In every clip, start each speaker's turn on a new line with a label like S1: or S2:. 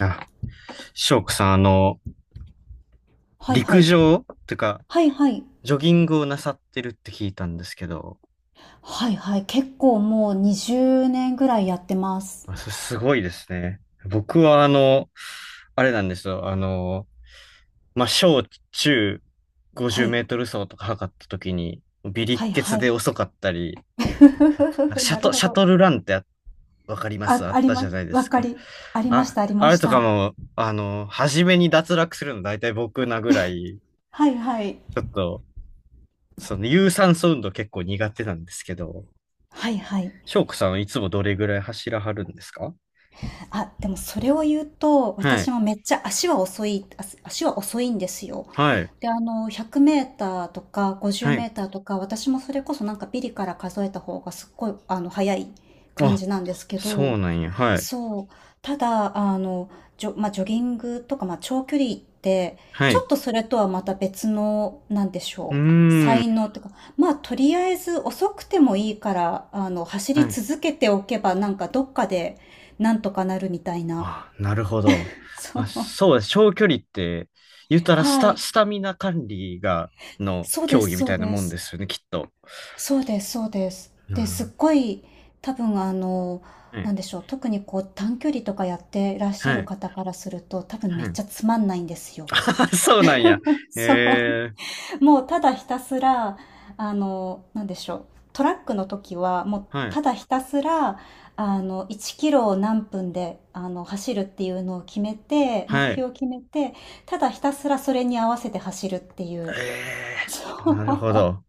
S1: あ、翔子さん、
S2: はいは
S1: 陸
S2: い。
S1: 上というか、
S2: はいはい。
S1: ジョギングをなさってるって聞いたんですけど、
S2: はいはい。結構もう20年ぐらいやってます。
S1: あ、それすごいですね。僕は、あれなんですよ。まあ、小中50
S2: は
S1: メ
S2: い。
S1: ートル走とか測った時に、微力
S2: はい
S1: 血
S2: はい。
S1: で遅かったり、
S2: ふふふ
S1: あと
S2: ふ
S1: なんか
S2: ふ
S1: シ
S2: な
S1: ャ
S2: る
S1: ト、
S2: ほ
S1: シャト
S2: ど。
S1: ルランってあわかります
S2: あ、
S1: あっ
S2: あり
S1: たじ
S2: ま
S1: ゃ
S2: す。
S1: ないで
S2: わ
S1: す
S2: か
S1: か。
S2: り、ありまし
S1: あ、
S2: た、あり
S1: あ
S2: ま
S1: れ
S2: し
S1: とか
S2: た。
S1: も、初めに脱落するの大体僕なぐらい、
S2: はいはい。
S1: ちょっと、その有酸素運動結構苦手なんですけど、
S2: はいはい。
S1: 翔子さんはいつもどれぐらい走らはるんですか？
S2: あ、でもそれを言うと、
S1: は
S2: 私
S1: い。
S2: もめっちゃ足は遅い、足は遅いんですよ。
S1: はい。
S2: で、100メーターとか
S1: は
S2: 50メ
S1: い。
S2: ーターとか、私もそれこそなんかビリから数えた方がすっごい、早い感
S1: あ、
S2: じなんですけ
S1: そ
S2: ど、
S1: うなんや。はい。
S2: そう。ただ、まあ、ジョギングとか、まあ、長距離って、
S1: は
S2: ち
S1: い。
S2: ょっ
S1: う
S2: とそれとはまた別の、なんでし
S1: ー
S2: ょう。
S1: ん。
S2: 才能とか、まあ、とりあえず遅くてもいいから、走
S1: は
S2: り
S1: い。
S2: 続けておけば、なんかどっかで、なんとかなるみたいな。
S1: あ、なるほど。
S2: そ
S1: まあ、
S2: う。
S1: そうです。長距離って、言ったらス
S2: は
S1: タ、
S2: い。
S1: スタミナ管理が、の
S2: そうで
S1: 競技
S2: す、
S1: み
S2: そ
S1: た
S2: う
S1: いな
S2: で
S1: もんで
S2: す。
S1: すよね、きっと。
S2: そうです、そうです。
S1: あ
S2: で、すっごい、多分、
S1: は
S2: な
S1: い。
S2: んでしょう。特にこう、短距離とかやってらっし
S1: は
S2: ゃる
S1: い。
S2: 方からすると、多分め
S1: は
S2: っ
S1: い。
S2: ちゃつまんないんですよ。
S1: あ、そうなんや。
S2: そう。
S1: えー。
S2: もうただひたすら、なんでしょう。トラックの時は、もう
S1: は
S2: た
S1: い。
S2: だひたすら、1キロを何分で、走るっていうのを決めて、目
S1: はい。
S2: 標を決めて、ただひたすらそれに合わせて走るっていう。
S1: え
S2: そ
S1: えなるほど。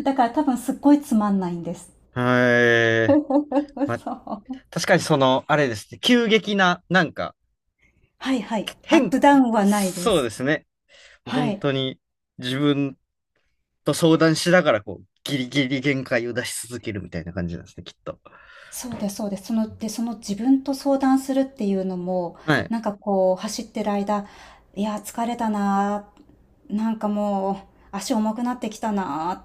S2: う。だから多分すっごいつまんないんです。
S1: はい。まあ、
S2: そう。
S1: 確かにその、あれですね。急激な、なんか、
S2: はいはい。アッ
S1: 変、
S2: プダウンはないで
S1: そうで
S2: す。
S1: すね。
S2: は
S1: 本
S2: い。
S1: 当に自分と相談しながら、こう、ギリギリ限界を出し続けるみたいな感じなんですね、きっと。
S2: そうです、そうです。その、で、その自分と相談するっていうのも、
S1: はい。
S2: なんかこう、走ってる間、いや、疲れたなあ、なんかもう、足重くなってきたなあ、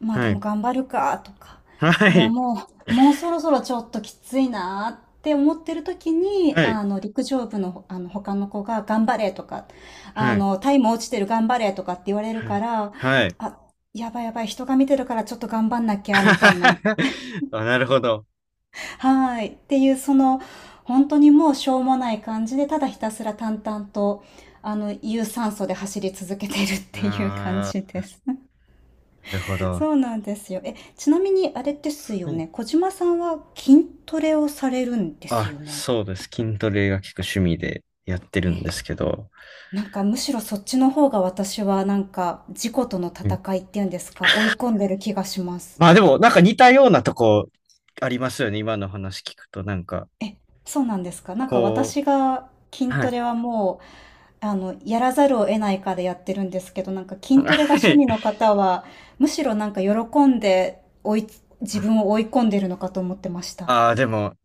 S2: まあで
S1: は
S2: も
S1: い。
S2: 頑張るか、とか、
S1: は
S2: いや、
S1: い。
S2: ももうそろそろちょっときついなあって思ってる時に、
S1: はい。
S2: 陸上部の、他の子が、頑張れとか、
S1: はい。
S2: タイム落ちてる頑張れとかって言われる
S1: は
S2: か
S1: い。
S2: ら、
S1: はい。
S2: あ、やばいやばい、人が見てるからちょっと頑張んなきゃ、みたいな。
S1: あ、なるほど。
S2: はい。っていう、その、本当にもうしょうもない感じで、ただひたすら淡々と、有酸素で走り続けているっていう感
S1: あ
S2: じで
S1: あ、
S2: す。
S1: なるほど。
S2: そうなんですよ。え、ちなみにあれですよ
S1: はい。
S2: ね、小島さんは筋トレをされるんです
S1: あ、
S2: よね？
S1: そうです。筋トレが結く趣味でやってるんですけど。
S2: なんかむしろそっちの方が私はなんか、自己との
S1: うん、
S2: 戦いっていうんですか、追い込んでる気がします。
S1: まあでも、なんか似たようなとこありますよね。今の話聞くと、なんか、
S2: え、そうなんですか？なんか
S1: こ
S2: 私が
S1: う、
S2: 筋
S1: は
S2: ト
S1: い。
S2: レはもうやらざるを得ないかでやってるんですけど、なんか筋
S1: は
S2: トレが趣
S1: い。
S2: 味の方は、むしろなんか喜んで追い、自分を追い込んでるのかと思ってました。
S1: ああ、でも、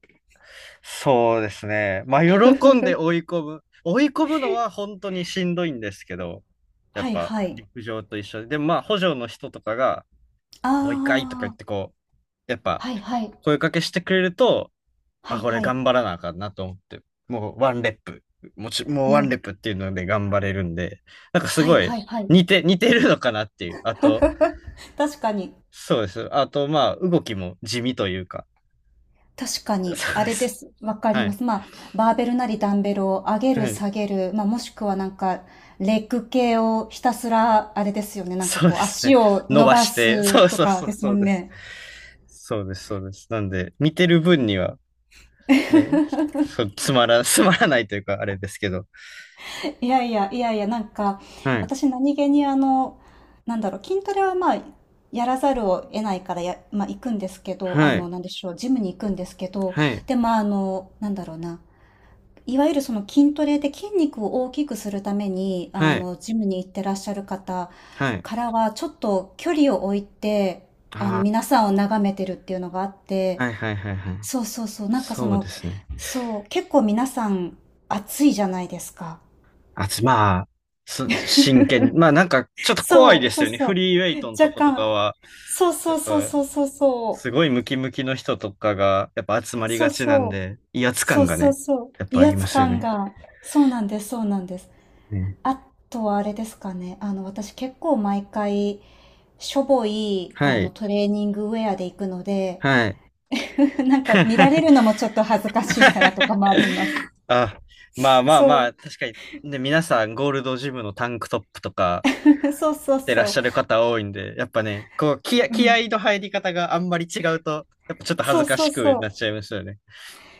S1: そうですね。まあ、喜んで追い込む。追い込むのは本当にしんどいんですけど、や
S2: は
S1: っ
S2: い
S1: ぱ
S2: はい。
S1: 陸上と一緒で、でもまあ、補助の人とかが、
S2: あ
S1: もう一回とか言っ
S2: あ、
S1: てこう、やっぱ
S2: はいはい。
S1: 声かけしてくれると、
S2: は
S1: あ、
S2: い
S1: これ
S2: はい。
S1: 頑張らなあかんなと思って、もうワンレップ、もうワ
S2: な
S1: ン
S2: る。
S1: レップっていうので頑張れるんで、なんかす
S2: はい
S1: ごい
S2: はいはい。
S1: 似てるのかなっていう。あと、
S2: 確かに。
S1: そうです。あと、まあ、動きも地味というか、
S2: 確か に。
S1: そう
S2: あ
S1: で
S2: れで
S1: す。
S2: す。わかり
S1: は
S2: ま
S1: い。
S2: す。まあ、バーベルなりダンベルを上げ
S1: は
S2: る
S1: い。
S2: 下げる。まあ、もしくはなんか、レッグ系をひたすら、あれですよね。なんか
S1: そうで
S2: こう、
S1: すね。
S2: 足を
S1: 伸
S2: 伸
S1: ば
S2: ば
S1: して、
S2: す
S1: そう
S2: と
S1: そう
S2: か
S1: そ
S2: で
S1: う、
S2: す
S1: そ
S2: も
S1: う
S2: ん
S1: です。
S2: ね。
S1: そうです、そうです。なんで、見てる分には、ね、そう、つまら、つまらないというか、あれですけど。
S2: いやいや、いやいや、なんか、
S1: はい、
S2: 私何気にあの、なんだろう、筋トレはまあ、やらざるを得ないからや、まあ、行くんですけど、
S1: はい、
S2: なんでしょう、ジムに行くんですけど、
S1: はい、
S2: で、まあ、なんだろうな、いわゆるその筋トレで筋肉を大きくするために、
S1: はい、
S2: ジムに行ってらっしゃる方
S1: はい。
S2: からは、ちょっと距離を置いて、
S1: あ
S2: 皆さんを眺めてるっていうのがあっ
S1: あ、
S2: て、
S1: はい、はい、はい、はい。
S2: そうそうそう、なんかそ
S1: そうで
S2: の、
S1: すね。
S2: そう、結構皆さん、暑いじゃないですか。
S1: あ、つまあ、す真剣に。まあ、なんか、ちょっと怖い
S2: そう、
S1: です
S2: そう
S1: よね。
S2: そ
S1: フ
S2: う。
S1: リーウェイトのと
S2: 若
S1: ことか
S2: 干、
S1: は、
S2: そう
S1: や
S2: そ
S1: っ
S2: うそう
S1: ぱ、
S2: そうそうそ
S1: すごい
S2: う、
S1: ムキムキの人とかが、やっぱ集まり
S2: そ
S1: が
S2: う
S1: ちなん
S2: そう、
S1: で、威圧
S2: そ
S1: 感
S2: う
S1: が
S2: そう
S1: ね、
S2: そう、
S1: やっぱあ
S2: 威
S1: りま
S2: 圧
S1: すよ
S2: 感
S1: ね。
S2: が、そうなんです、そうなんです。
S1: ね
S2: あとはあれですかね、私結構毎回、しょぼい、
S1: はい。
S2: トレーニングウェアで行くので、
S1: はい。
S2: なんか見られるのもちょっと恥ずかしいからとかもあります。
S1: あ、まあまあ
S2: そ
S1: ま
S2: う、
S1: あ、確かに、ね、皆さんゴールドジムのタンクトップとか
S2: そうそう
S1: 着てらっ
S2: そう、
S1: しゃる方多いんで、やっぱね、こう、気合、
S2: う
S1: 気
S2: ん、
S1: 合の入り方があんまり違うと、やっぱちょっと恥
S2: そう
S1: ずか
S2: そ
S1: し
S2: う
S1: く
S2: そ
S1: なっち
S2: う。
S1: ゃいますよね。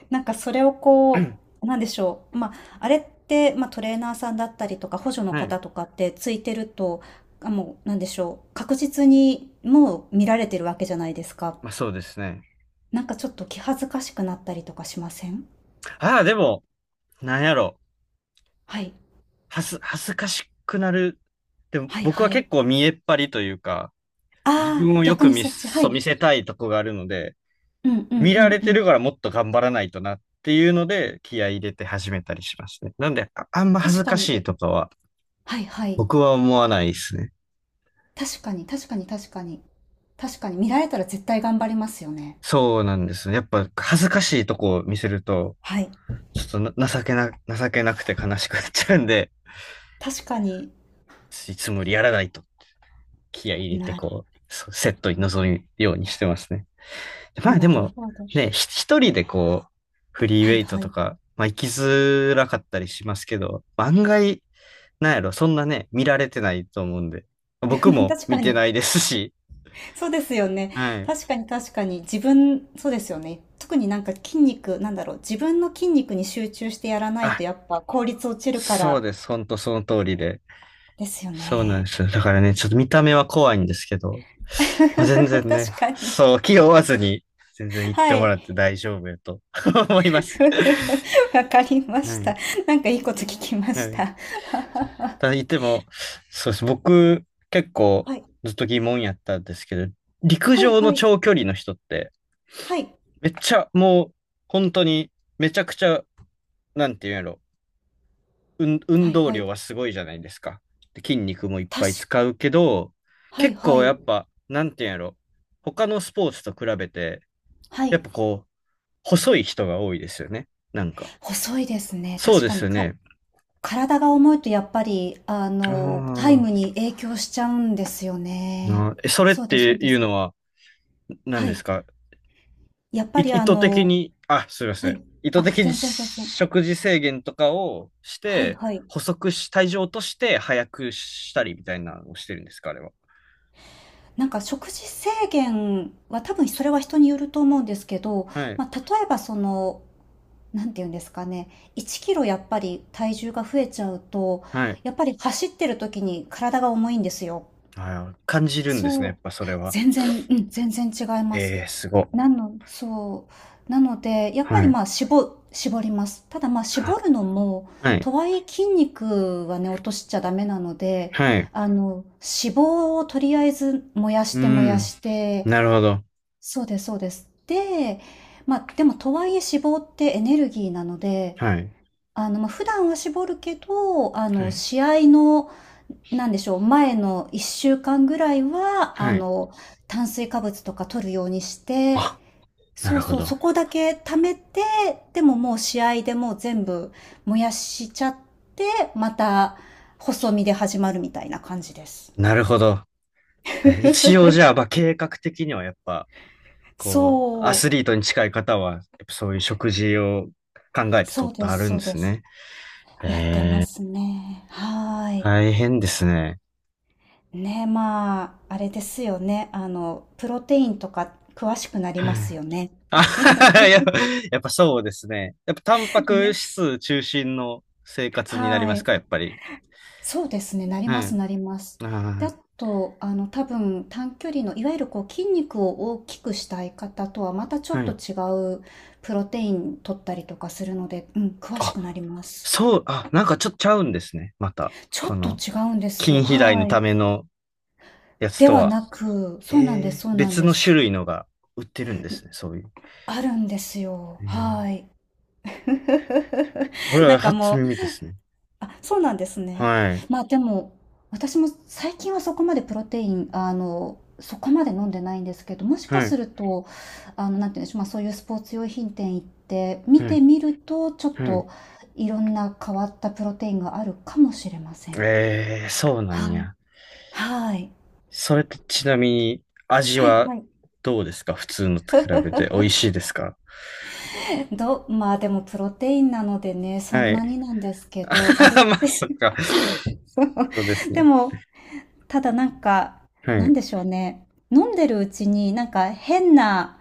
S2: なんかそれをこう、なんでしょう。まあ、あれって、まあ、トレーナーさんだったりとか、補助の
S1: はい。
S2: 方とかってついてると、あ、もう、なんでしょう。確実にもう見られてるわけじゃないですか。
S1: まあそうですね。
S2: なんかちょっと気恥ずかしくなったりとかしません
S1: ああ、でも、なんやろ。
S2: はい。
S1: 恥ずかしくなる。でも
S2: はい
S1: 僕は
S2: はい。
S1: 結構見栄っ張りというか、
S2: あ
S1: 自分
S2: あ、
S1: をよ
S2: 逆
S1: く
S2: に
S1: 見、
S2: そっち。は
S1: そ
S2: い。
S1: う見せたいとこがあるので、
S2: うんうん
S1: 見
S2: う
S1: ら
S2: ん
S1: れ
S2: う
S1: てる
S2: ん。
S1: からもっと頑張らないとなっていうので、気合い入れて始めたりしますね。なんで、あ、あんま恥
S2: 確
S1: ず
S2: か
S1: かし
S2: に。
S1: いとかは、
S2: はいはい。
S1: 僕は思わないですね。
S2: 確かに確かに確かに。確かに見られたら絶対頑張りますよね。
S1: そうなんですね。やっぱ恥ずかしいとこを見せると、
S2: はい。
S1: ちょっとな情けな、情けなくて悲しくなっちゃうんで、
S2: 確かに。
S1: いつもよりやらないと気合い入れて
S2: なる、
S1: こう、そうセットに臨むようにしてますね。まあで
S2: なる
S1: も、
S2: ほど。
S1: ね、一人でこう、フリーウ
S2: は
S1: ェ
S2: い
S1: イト
S2: は
S1: と
S2: い。
S1: か、まあ行きづらかったりしますけど、案外、なんやろ、そんなね、見られてないと思うんで。僕 も
S2: 確
S1: 見
S2: か
S1: て
S2: に。
S1: ないですし。
S2: そうですよね。
S1: はい。
S2: 確かに確かに。自分、そうですよね。特になんか筋肉、なんだろう。自分の筋肉に集中してやらない
S1: あ、
S2: とやっぱ効率落ちるか
S1: そう
S2: ら。
S1: です。ほんとその通りで。
S2: ですよ
S1: そうなん
S2: ね。
S1: ですよ。だからね、ちょっと見た目は怖いんですけど、まあ、全然ね、
S2: 確かに。
S1: そう、気負わずに、全然行って
S2: は
S1: も
S2: い。
S1: らって大丈夫やと 思います。
S2: わかりまし
S1: は
S2: た。
S1: い。
S2: なんかいいこと聞きま
S1: は
S2: し
S1: い。
S2: た。
S1: ただ言っても、そうです。僕、結構
S2: はい。
S1: ずっと疑問やったんですけど、陸
S2: はい、
S1: 上
S2: は
S1: の
S2: い。
S1: 長距離の人って、
S2: はい。
S1: めっちゃもう、本当に、めちゃくちゃ、なんていうんやろ、運
S2: はい、
S1: 動
S2: は
S1: 量
S2: い。
S1: はすごいじゃないですか。で筋肉もいっぱい
S2: 確か、
S1: 使うけど、
S2: はい、
S1: 結
S2: は
S1: 構や
S2: い。
S1: っぱ、なんていうんやろ、他のスポーツと比べて、
S2: は
S1: やっ
S2: い。
S1: ぱこう、細い人が多いですよね。なんか。
S2: 細いですね。
S1: そう
S2: 確
S1: で
S2: か
S1: す
S2: に
S1: よ
S2: か
S1: ね。
S2: 体が重いとやっぱり、
S1: あ
S2: タイム
S1: ー
S2: に影響しちゃうんですよね。
S1: あー、え、それっ
S2: そうです、
S1: て
S2: そうで
S1: いう
S2: す。
S1: のは何
S2: は
S1: で
S2: い。
S1: すか？
S2: やっぱり
S1: 意図的に、あ、すいませ
S2: は
S1: ん。
S2: い。
S1: 意図
S2: あ、
S1: 的に
S2: 全然全然。
S1: 食事制限とかをし
S2: はい
S1: て、
S2: はい。
S1: 細くし、体重を落として早くしたりみたいなのをしてるんですか、あれは。
S2: なんか食事制限は多分それは人によると思うんですけど、
S1: はい。
S2: まあ、例えばその、なんていうんですかね、1キロやっぱり体重が増えちゃうと、
S1: はい。
S2: やっぱり走ってる時に体が重いんですよ。
S1: はい。感じるんですね、
S2: そ
S1: やっ
S2: う。
S1: ぱそれは。
S2: 全然、うん、全然違います。
S1: ええ、すごっ。
S2: なのそなので、やっぱり、
S1: はい。
S2: まあ、絞ります。ただ、まあ、絞
S1: あ
S2: るのも、
S1: はい。
S2: とはいえ筋肉はね、落としちゃダメなので、
S1: はい。
S2: 脂肪をとりあえず燃やし
S1: う
S2: て燃や
S1: ん。
S2: して、
S1: なるほど。
S2: そうですそうです。で、まあ、でもとはいえ脂肪ってエネルギーなので、
S1: はい。
S2: まあ、普段は絞るけど、
S1: はい。
S2: 試合の、なんでしょう、前の1週間ぐらいは、
S1: はい。
S2: 炭水化物とか取るようにして、
S1: あ、な
S2: そ
S1: る
S2: う
S1: ほ
S2: そう、そ
S1: ど。
S2: こだけ貯めて、でももう試合でもう全部燃やしちゃって、また細身で始まるみたいな感じです。
S1: なるほど。え一応じゃあ、まあ、計画的にはやっぱ、こう、ア
S2: そ
S1: ス
S2: う、
S1: リートに近い方は、やっぱそういう食事を考えて
S2: そ
S1: 取
S2: う
S1: って
S2: で
S1: あ
S2: す、
S1: るん
S2: そう
S1: で
S2: で
S1: す
S2: す。
S1: ね。
S2: やってますね。はーい。
S1: 大変ですね。
S2: ね、まあ、あれですよね。プロテインとか詳しくなり
S1: は
S2: ます
S1: い。
S2: よね。
S1: あはは、やっぱ、やっぱそうですね。やっぱタンパ ク
S2: ね。
S1: 質中心の生活になりま
S2: は
S1: す
S2: い。
S1: か、やっぱり。
S2: そうですね、なり
S1: は
S2: ます
S1: い。
S2: なります。で、あ
S1: あ
S2: と、多分短距離のいわゆるこう筋肉を大きくしたい方とはまたちょ
S1: あ、は
S2: っと
S1: い。
S2: 違うプロテイン取ったりとかするので、うん、詳し
S1: あ、
S2: くなります。
S1: そう、あ、なんかちょっとちゃうんですね。また、
S2: ちょ
S1: こ
S2: っと
S1: の、
S2: 違うんです
S1: 筋
S2: よ。
S1: 肥大の
S2: はい。
S1: ためのやつ
S2: で
S1: と
S2: は
S1: は。
S2: なく、そうなんです、
S1: えー
S2: そうなん
S1: 別
S2: で
S1: の種
S2: す。
S1: 類のが売ってるんですね、そういう。
S2: あるんですよ。
S1: えー
S2: はい。
S1: これ
S2: な
S1: は
S2: んか
S1: 初
S2: も
S1: 耳
S2: う
S1: ですね。
S2: あ、そうなんですね。
S1: はい、
S2: まあでも、私も最近はそこまでプロテイン、そこまで飲んでないんですけど、もしか
S1: は
S2: す
S1: い、
S2: ると、なんていうんでしょう、まあそういうスポーツ用品店行って見
S1: はい、
S2: てみると、ちょっ
S1: はい。
S2: といろんな変わったプロテインがあるかもしれません。
S1: えーそうなん
S2: はい。
S1: や。
S2: はい。
S1: それとちなみに、味
S2: はい
S1: は
S2: はい。
S1: どうですか？普通のと比べて美味しいですか？
S2: まあでもプロテインなのでね、そ
S1: は
S2: んな
S1: い。
S2: にな んですけど、あれっ
S1: まあ、
S2: て、
S1: そっか。
S2: そう
S1: そうです
S2: で
S1: ね。
S2: もただなんか、
S1: は
S2: なん
S1: い、
S2: でしょうね。飲んでるうちになんか変な、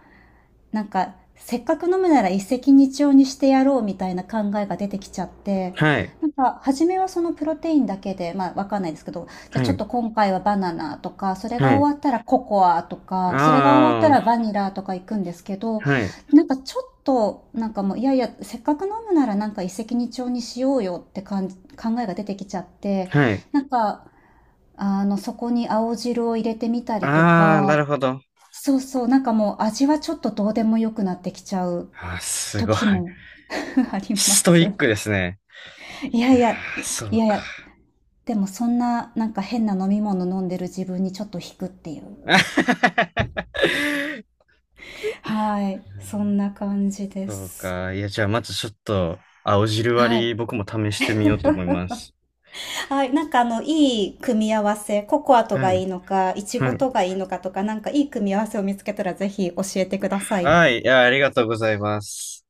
S2: なんかせっかく飲むなら一石二鳥にしてやろうみたいな考えが出てきちゃって、
S1: はい、
S2: なんか初めはそのプロテインだけで、まあわかんないですけど、じゃあ
S1: は
S2: ちょっと
S1: い、
S2: 今回はバナナとか、それが
S1: はい。
S2: 終わったらココアとか、それが終わった
S1: ああ、
S2: らバニラとか行くんですけど、
S1: はい。
S2: なんかちょっと、なんかもう、いやいや、せっかく飲むならなんか一石二鳥にしようよって感じ、考えが出てきちゃって、
S1: はい。
S2: なんかあの、そこに青汁を入れてみたりと
S1: ああ、な
S2: か、
S1: るほど。
S2: そうそう、なんかもう味はちょっとどうでもよくなってきちゃう
S1: あー、すごい。
S2: 時も ありま
S1: ストイ
S2: す。
S1: ックですね。
S2: いや
S1: いや
S2: い
S1: ー、
S2: や、
S1: そ
S2: い
S1: う
S2: やい
S1: か。
S2: や、でもそんななんか変な飲み物飲んでる自分にちょっと引くっていう。はい、そんな感じで
S1: そう
S2: す。
S1: か。いや、じゃあ、まずちょっと、青汁
S2: は
S1: 割
S2: い。
S1: り、僕も試してみようと思います。
S2: はい、なんかあの、いい組み合わせ、ココアと
S1: は
S2: が
S1: い。
S2: いいのか、イチゴ
S1: はい。
S2: とがいいのかとか、なんかいい組み合わせを見つけたらぜひ教えてください。
S1: はい。いや、ありがとうございます。